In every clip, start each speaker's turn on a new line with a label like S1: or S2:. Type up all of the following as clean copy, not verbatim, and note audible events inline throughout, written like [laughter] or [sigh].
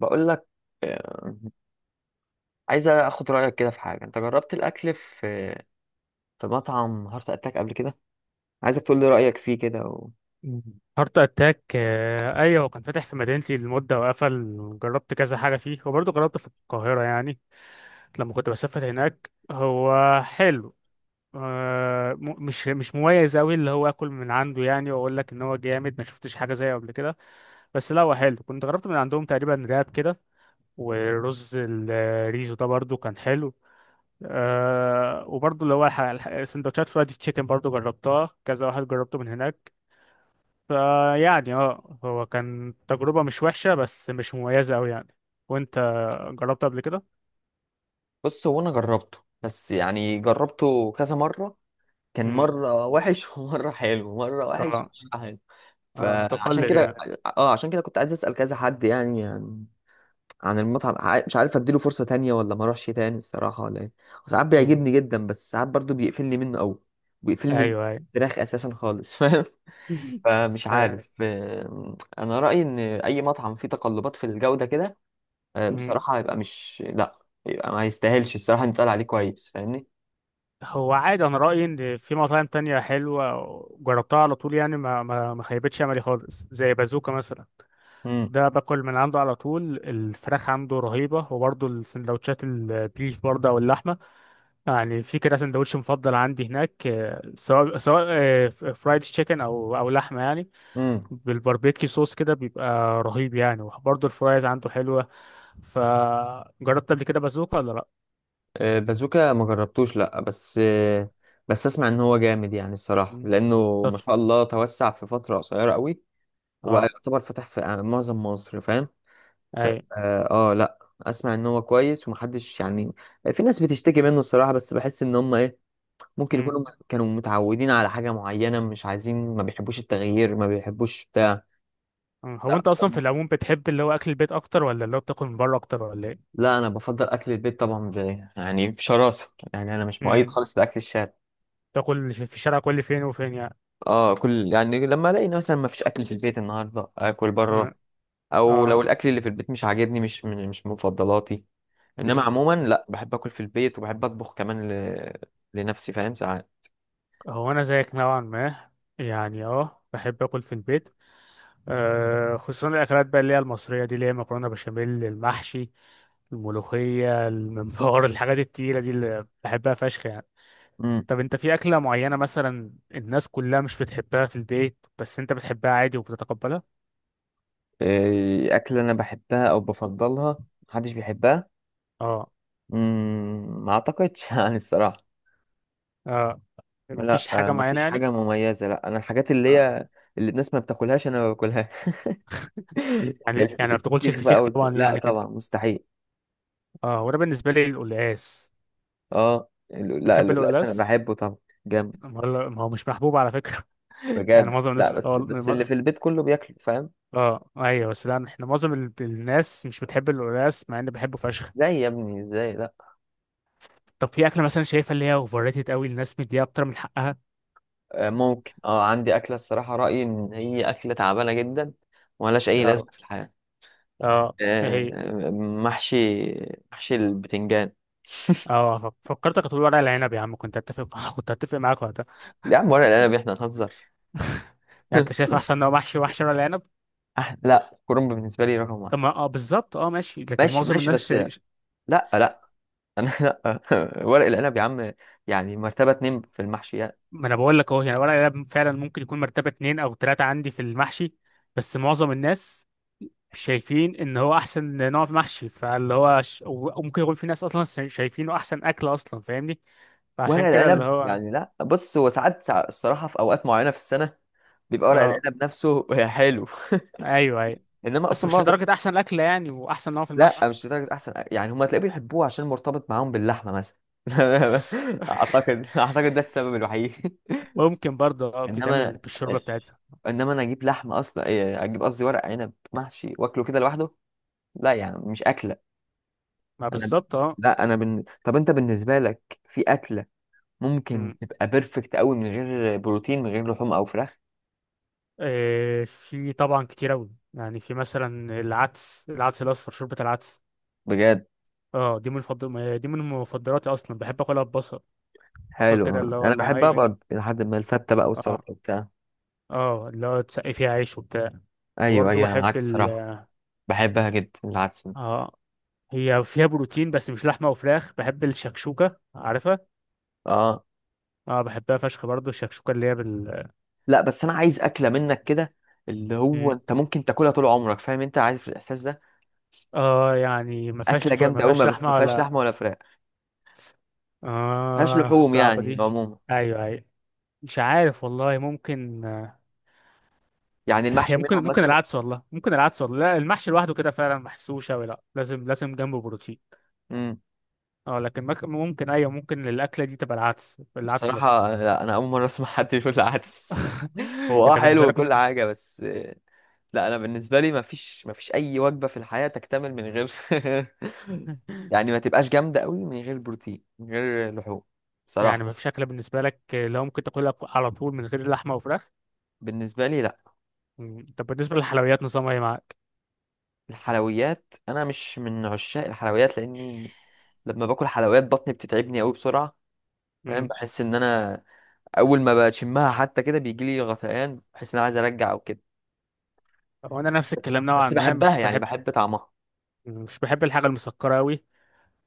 S1: بقول لك. آه، عايز اخد رايك كده في حاجه انت جربت الاكل في مطعم هارت اتاك قبل كده. عايزك تقول لي رايك فيه كده
S2: هارت اتاك. آه، ايوه، هو كان فاتح في مدينتي لمده وقفل. جربت كذا حاجه فيه، وبرضه جربت في القاهره يعني لما كنت بسافر هناك. هو حلو. مش مميز قوي اللي هو اكل من عنده، يعني واقول لك ان هو جامد ما شفتش حاجه زيه قبل كده. بس لا، هو حلو. كنت جربت من عندهم تقريبا راب كده. ورز الريزو ده برضه كان حلو. وبرضه اللي هو سندوتشات فرايد تشيكن برضه جربتها، كذا واحد جربته من هناك. فيعني هو كان تجربة مش وحشة، بس مش مميزة أوي يعني. وأنت جربت قبل كده؟
S1: بص، هو انا جربته، بس يعني جربته كذا مره. كان
S2: امم.
S1: مره وحش [laughs] ومره حلو، مره وحش
S2: اه.
S1: ومره حلو.
S2: آه،
S1: فعشان
S2: متقلب
S1: كده،
S2: يعني.
S1: اه عشان كده كنت عايز اسال كذا حد يعني عن عن المطعم. مش عارف اديله فرصه تانية ولا ما اروحش تاني الصراحه ولا ايه. وساعات
S2: امم.
S1: بيعجبني جدا، بس ساعات برضو بيقفلني منه قوي. بيقفلني من
S2: أيوه، أيوه.
S1: الفراخ اساسا خالص. [laughs]
S2: [laughs]
S1: فمش
S2: أيوه.
S1: عارف. انا رايي ان اي مطعم فيه تقلبات في الجوده كده،
S2: امم.
S1: بصراحه هيبقى مش، لا، يبقى ما يستاهلش الصراحه إنه يتقال عليه كويس، فاهمني.
S2: هو عادي، أنا رأيي إن في مطاعم تانية حلوة جربتها على طول، يعني ما خيبتش أملي خالص، زي بازوكا مثلا.
S1: امم.
S2: ده باكل من عنده على طول، الفراخ عنده رهيبة، وبرضه السندوتشات البيف برضه أو اللحمة يعني. في كده سندوتش مفضل عندي هناك، سواء فرايد تشيكن او لحمه يعني.
S1: امم.
S2: بالباربيكيو صوص كده بيبقى رهيب يعني، وبرضه الفرايز عنده حلوه. فجربت قبل كده بازوكا ولا لا؟
S1: بازوكا ما جربتوش، لا، بس بس اسمع ان هو جامد يعني الصراحه،
S2: مم.
S1: لانه
S2: طب.
S1: ما شاء الله توسع في فتره قصيره قوي. وبقى
S2: اه.
S1: يعتبر فتح في معظم مصر، فاهم؟
S2: اي.
S1: لا اسمع ان هو كويس ومحدش يعني، في ناس بتشتكي منه الصراحه، بس بحس ان هم ايه، ممكن
S2: مم.
S1: يكونوا كانوا متعودين على حاجة معينة، مش عايزين، ما بيحبوش التغيير، ما بيحبوش بتاع.
S2: مم. هو
S1: لا،
S2: انت اصلا في العموم بتحب اللي هو اكل البيت اكتر، ولا اللي هو بتاكل من بره اكتر، ولا ايه؟
S1: لا، انا بفضل اكل البيت طبعا يعني بشراسة، يعني انا مش مؤيد
S2: مم.
S1: خالص لاكل الشارع.
S2: تاكل في الشارع كل فين وفين يعني؟
S1: اه كل يعني لما الاقي مثلا ما فيش اكل في البيت النهارده اكل
S2: مم.
S1: بره، او لو
S2: اه.
S1: الاكل اللي في البيت مش عاجبني، مش من مفضلاتي. انما
S2: مم.
S1: عموما لا، بحب اكل في البيت وبحب اطبخ كمان ل... لنفسي، فاهم؟ ساعات.
S2: هو انا زيك نوعا ما، يعني بحب اكل في البيت. خصوصا الاكلات بقى اللي هي المصريه دي، اللي هي مكرونه بشاميل، المحشي، الملوخيه، الممبار، [laughs] الحاجات التقيله دي اللي بحبها فشخ يعني.
S1: امم.
S2: طب، انت في اكله معينه مثلا الناس كلها مش بتحبها في البيت، بس انت بتحبها عادي وبتتقبلها؟
S1: إيه، اكل انا بحبها او بفضلها محدش بيحبها؟
S2: اه.
S1: مم، ما اعتقدش. [laughs] يعني الصراحه
S2: اه.
S1: لا،
S2: مفيش حاجه
S1: ما
S2: معينه
S1: فيش
S2: يعني؟
S1: حاجه مميزه، لا. انا الحاجات اللي
S2: آه.
S1: هي اللي الناس ما بتاكلهاش انا ما باكلها، [laughs] زي
S2: يعني يعني ما بتاكلش
S1: الفسيخ بقى
S2: الفسيخ طبعا
S1: لا
S2: يعني كده.
S1: طبعا، مستحيل.
S2: اه، وانا بالنسبه لي القلقاس.
S1: اه لا،
S2: بتحب
S1: اللؤلؤ انا
S2: القلقاس؟
S1: بحبه طبعا، جامد.
S2: ما هو مش محبوب على فكره. [laughs] يعني
S1: بجد،
S2: معظم
S1: لا،
S2: الناس.
S1: بس اللي في البيت كله بياكله، فاهم؟
S2: اه ايوه، بس لا، احنا معظم الناس مش بتحب القلقاس، مع اني بحبه فشخ.
S1: زي يا ابني، ازاي لا.
S2: طب في اكله مثلا شايفها اللي هي اوفر ريتد قوي، الناس مديها اكتر من حقها؟
S1: ممكن، اه عندي اكله الصراحه رايي ان هي اكله تعبانه جدا وملهاش اي
S2: اه.
S1: لازمه في الحياه.
S2: اه، هي.
S1: آه، محشي، محشي البتنجان.
S2: اه، فكرتك هتقول ورق العنب يا عم، كنت اتفق، [laughs] كنت اتفق معاك وقتها.
S1: يا عم ورق العنب احنا هنهزر؟
S2: [laughs] يعني انت
S1: [laughs]
S2: شايف احسن نوع محشي وحشي ورق العنب؟
S1: لا، كرنب بالنسبة لي رقم
S2: طب
S1: واحد.
S2: ما بالظبط، ماشي، لكن
S1: ماشي
S2: معظم
S1: ماشي،
S2: الناس
S1: بس
S2: شا...
S1: لا،
S2: ش-
S1: لا، أنا، [laughs] لا، ورق العنب يا عم يعني مرتبة اتنين في المحشيات.
S2: ما انا بقول لك اهو، يعني ورق العنب فعلا ممكن يكون مرتبه اتنين او تلاته عندي في المحشي. بس معظم الناس شايفين ان هو احسن نوع في محشي، فاللي هو وممكن يكون في ناس اصلا شايفينه احسن اكل اصلا فاهمني.
S1: ورق
S2: فعشان كده اللي
S1: العنب
S2: هو.
S1: يعني لا، بص هو ساعات الصراحة، في أوقات معينة في السنة بيبقى ورق
S2: اه،
S1: العنب نفسه [laughs] حلو،
S2: ايوه ايوه،
S1: إنما
S2: بس
S1: أصلا
S2: مش
S1: معظم،
S2: لدرجه احسن اكل يعني، واحسن نوع في
S1: لا،
S2: المحشي.
S1: مش لدرجة أحسن يعني. هما تلاقيه بيحبوه عشان مرتبط معاهم باللحمة مثلا. [laughs]
S2: [laughs]
S1: أعتقد ده السبب الوحيد.
S2: ممكن برضه
S1: [laughs] إنما،
S2: بيتعمل بالشوربه بتاعتها.
S1: انا اجيب لحمه اصلا، إيه، اجيب قصدي ورق عنب محشي واكله كده لوحده، لا، يعني مش اكله
S2: ما
S1: انا.
S2: بالظبط. اه.
S1: لا انا بن... طب انت بالنسبه لك في اكله ممكن
S2: مم.
S1: تبقى بيرفكت قوي من غير بروتين، من غير لحوم او فراخ؟
S2: في طبعا كتير اوي، يعني في مثلا العدس، العدس الاصفر، شوربه العدس.
S1: بجد؟
S2: اه، دي من مفضلاتي اصلا، بحب اكلها ببصل. بصل كده
S1: حلو،
S2: اللي هو
S1: انا بحبها
S2: الني.
S1: برضه لحد ما الفته بقى،
S2: اه.
S1: والسلطه وبتاع.
S2: اه، اللي هو تسقي فيها عيش وبتاع.
S1: ايوه
S2: وبرضه
S1: ايوه، انا
S2: بحب
S1: معاك
S2: ال
S1: الصراحه. بحبها جدا العدس.
S2: اه، هي فيها بروتين بس مش لحمة وفراخ، بحب الشكشوكة، عارفها؟
S1: اه.
S2: اه، بحبها فشخ برضه الشكشوكة، اللي هي.
S1: لا، بس انا عايز اكله منك كده اللي هو
S2: م.
S1: انت ممكن تاكلها طول عمرك، فاهم؟ انت عارف الاحساس ده.
S2: اه، يعني ما
S1: اكله
S2: فيهاش ما
S1: جامده قوي،
S2: فيهاش
S1: ما
S2: لحمة
S1: فيهاش
S2: ولا.
S1: لحمه ولا فراخ، ما فيهاش
S2: اه،
S1: لحوم
S2: صعبة
S1: يعني
S2: دي.
S1: عموما.
S2: ايوه، ايوه. مش عارف والله، ممكن.
S1: يعني
S2: [laughs] هي
S1: المحشي
S2: ممكن
S1: منهم
S2: ممكن
S1: مثلا.
S2: العدس والله، ممكن العدس والله. لا، المحشي لوحده كده فعلا محسوش اوي، لا، لازم لازم جنبه بروتين.
S1: إمم.
S2: اه، لكن ممكن، ايوه، ممكن الاكله دي تبقى العدس، العدس الاصفر.
S1: بصراحة لا، أنا أول مرة أسمع حد يقول العدس. [laughs]
S2: [laughs]
S1: هو أه
S2: انت
S1: حلو
S2: بالنسبه لك
S1: وكل
S2: ممكن؟
S1: حاجة بس، لا، أنا بالنسبة لي مفيش أي وجبة في الحياة تكتمل من غير، [laughs] يعني ما تبقاش جامدة قوي، من غير بروتين، من غير لحوم،
S2: يعني
S1: بصراحة.
S2: مفيش اكله بالنسبه لك اللي هو ممكن تاكلها على طول من غير لحمه وفراخ؟
S1: بالنسبة لي لا.
S2: مم. طب، بالنسبه للحلويات نظامها ايه معاك؟
S1: الحلويات أنا مش من عشاق الحلويات، لأني لما باكل حلويات بطني بتتعبني قوي بسرعة، فاهم؟
S2: مم.
S1: بحس إن أنا أول ما بشمها حتى كده بيجيلي غثيان، بحس إن أنا عايز أرجع أو كده،
S2: هو انا نفس الكلام نوعا
S1: بس
S2: ما، مش
S1: بحبها يعني،
S2: بحب
S1: بحب طعمها.
S2: مش بحب الحاجه المسكره قوي.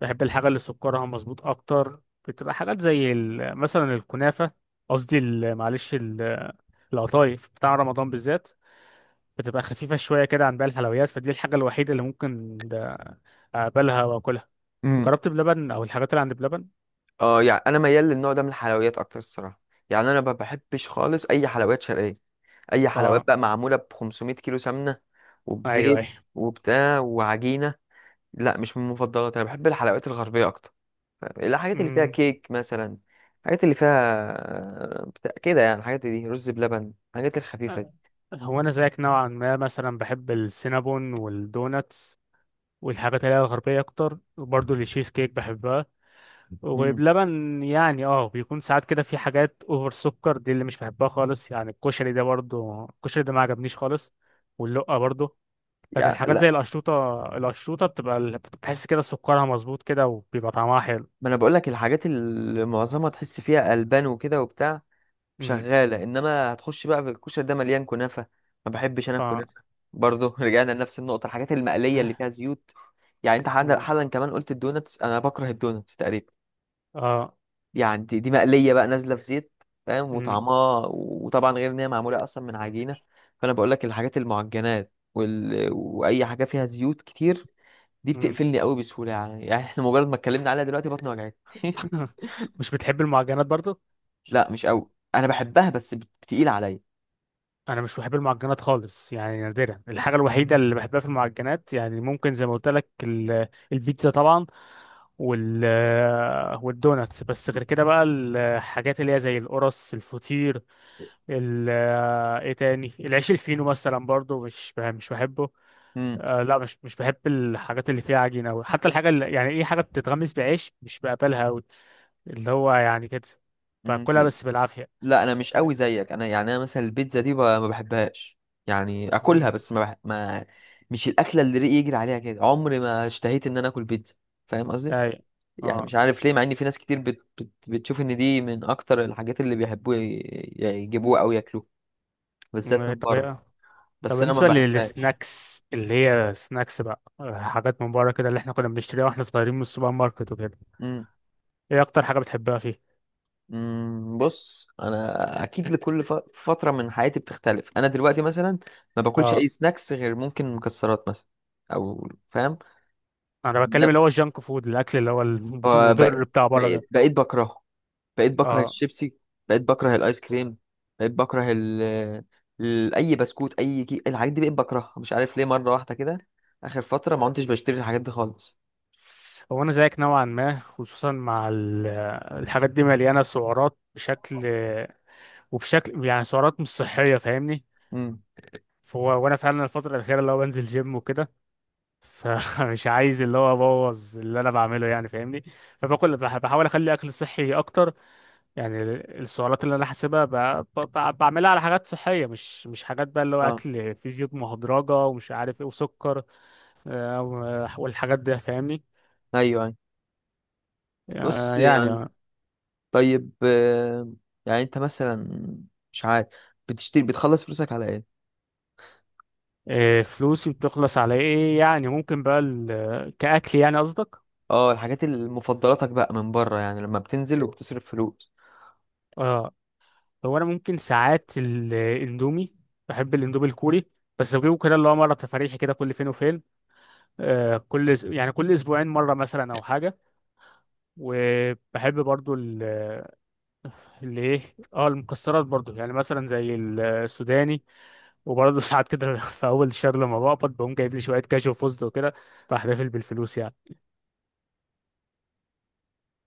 S2: بحب الحاجه اللي سكرها مظبوط اكتر. بتبقى حاجات زي مثلا الكنافه. قصدي معلش القطايف بتاع رمضان بالذات. بتبقى خفيفه شويه كده عن باقي الحلويات، فدي الحاجه الوحيده اللي ممكن ده اقبلها واكلها. جربت بلبن، او الحاجات اللي عند بلبن؟
S1: اه يعني انا ميال للنوع ده من الحلويات اكتر الصراحه. يعني انا ما بحبش خالص اي حلويات شرقيه، اي حلويات
S2: اه،
S1: بقى معموله ب 500 كيلو سمنه
S2: ايوه،
S1: وبزيت
S2: ايوه.
S1: وبتاع وعجينه، لا، مش من مفضلاتي. انا بحب الحلويات الغربيه اكتر، الحاجات اللي فيها
S2: أمم.
S1: كيك مثلا، الحاجات اللي فيها بتاع كده، يعني الحاجات دي، رز بلبن، الحاجات الخفيفه دي.
S2: أه. هو انا زيك نوعا ما مثلا، بحب السينابون والدوناتس والحاجات اللي هي الغربيه اكتر، وبرضه التشيز كيك بحبها.
S1: امم،
S2: وبلبن يعني، بيكون ساعات كده في حاجات اوفر سكر، دي اللي مش بحبها خالص، يعني الكشري ده برضه، الكشري ده ما عجبنيش خالص. واللقه برضه. لكن
S1: يعني
S2: حاجات زي
S1: لا،
S2: القشطوطه، القشطوطه بتبقى بتحس كده سكرها مظبوط كده، وبيبقى طعمها حلو.
S1: ما انا بقول لك الحاجات اللي معظمها تحس فيها البان وكده وبتاع
S2: أمم.
S1: شغالة، انما هتخش بقى في الكشري ده مليان كنافة، ما بحبش انا
S2: اه.
S1: الكنافة برضه. [laughs] رجعنا لنفس النقطة، الحاجات المقلية اللي فيها زيوت. يعني انت حالا،
S2: أمم.
S1: حالاً كمان قلت الدوناتس، انا بكره الدوناتس تقريبا،
S2: اه.
S1: يعني دي مقلية بقى، نازلة في زيت، فاهم؟
S2: أمم.
S1: وطعمها، وطبعا غير ان هي معمولة اصلا من عجينة. فانا بقول لك الحاجات المعجنات واي حاجة فيها زيوت كتير دي
S2: أمم.
S1: بتقفلني قوي بسهولة يعني، يعني احنا مجرد ما اتكلمنا عليها دلوقتي بطني وجعتني. [laughs]
S2: [laughs] مش بتحب المعجنات برضه؟
S1: لا مش قوي، انا بحبها بس بتقيل عليا.
S2: انا مش بحب المعجنات خالص، يعني نادرا، الحاجه الوحيده اللي بحبها في المعجنات يعني ممكن زي ما قلت لك البيتزا طبعا. وال والدوناتس، بس غير كده بقى الحاجات اللي هي زي القرص، الفطير. ال ايه تاني، العيش الفينو مثلا برضو مش بحبه. لا، مش بحب الحاجات اللي فيها عجينه قوي، حتى الحاجه اللي يعني ايه، حاجه بتتغمس بعيش، مش بقبلها قوي. اللي هو يعني كده.
S1: امم.
S2: باكلها بس بالعافيه.
S1: لا انا مش قوي زيك، انا يعني انا مثلا البيتزا دي ما بحبهاش، يعني اكلها
S2: مم.
S1: بس ما، مش الاكله اللي ريقي يجري عليها كده، عمري ما اشتهيت ان انا اكل بيتزا، فاهم قصدي؟
S2: اي.
S1: يعني
S2: اه.
S1: مش عارف ليه، مع ان في ناس كتير بتشوف ان دي من اكتر الحاجات اللي بيحبوا يجيبوها او ياكلوها، بالذات
S2: مم.
S1: من
S2: طب
S1: بره،
S2: إيه؟ طب،
S1: بس انا ما
S2: بالنسبة
S1: بحبهاش.
S2: للسناكس، اللي هي سناكس بقى حاجات من بره كده اللي احنا كنا بنشتريها واحنا صغيرين من السوبر ماركت وكده.
S1: امم.
S2: ايه اكتر حاجة بتحبها فيه؟
S1: أمم، بص انا اكيد لكل فتره من حياتي بتختلف. انا دلوقتي مثلا ما باكلش
S2: اه،
S1: اي سناكس، غير ممكن مكسرات مثلا، او فاهم.
S2: انا بتكلم اللي هو الجانك فود، الاكل اللي هو المضر
S1: فبقيت،
S2: بتاع بره ده.
S1: بقيت بكرهه، بقيت بكره
S2: اه،
S1: الشيبسي، بقيت بكره الايس كريم، بقيت بكره اي بسكوت، اي الحاجات دي بقيت بكرهها، مش عارف ليه مره واحده كده. اخر فتره ما كنتش بشتري الحاجات دي خالص.
S2: هو انا زيك نوعا ما، خصوصا مع الحاجات دي مليانة سعرات بشكل، وبشكل يعني سعرات مش صحية، فاهمني؟
S1: امم.
S2: فهو وانا فعلا الفترة الأخيرة اللي هو بنزل جيم وكده، فمش [laughs] عايز اللي هو ابوظ اللي انا بعمله يعني، فاهمني. فباكل، بحاول اخلي اكل صحي اكتر. يعني السعرات اللي انا حاسبها بعملها على حاجات صحيه، مش حاجات بقى اللي هو
S1: اه.
S2: اكل فيه زيوت مهدرجه ومش عارف ايه وسكر. والحاجات دي فاهمني.
S1: ايوه ايوه. بص
S2: آه، يعني
S1: يعني،
S2: آه.
S1: طيب يعني انت مثلا، مش عارف، بتشتري، بتخلص فلوسك على ايه؟
S2: آه، فلوسي بتخلص على ايه يعني، ممكن بقى كاكل يعني قصدك؟
S1: اه، الحاجات اللي مفضلاتك بقى من بره يعني لما بتنزل وبتصرف فلوس.
S2: اه. هو انا ممكن ساعات الاندومي. بحب الاندومي الكوري. بس بجيبه كده اللي هو مره تفاريحي كده، كل فين وفين. آه، كل أس- يعني كل اسبوعين مره مثلا او حاجه. وبحب برضو. اللي ايه. اه، المكسرات برضو، يعني مثلا زي السوداني. وبرضو [laughs] ساعات كده في اول الشهر لما بقبض بقوم جايب لي شويه كاجو فوزد وكده. بحتفل بالفلوس يعني.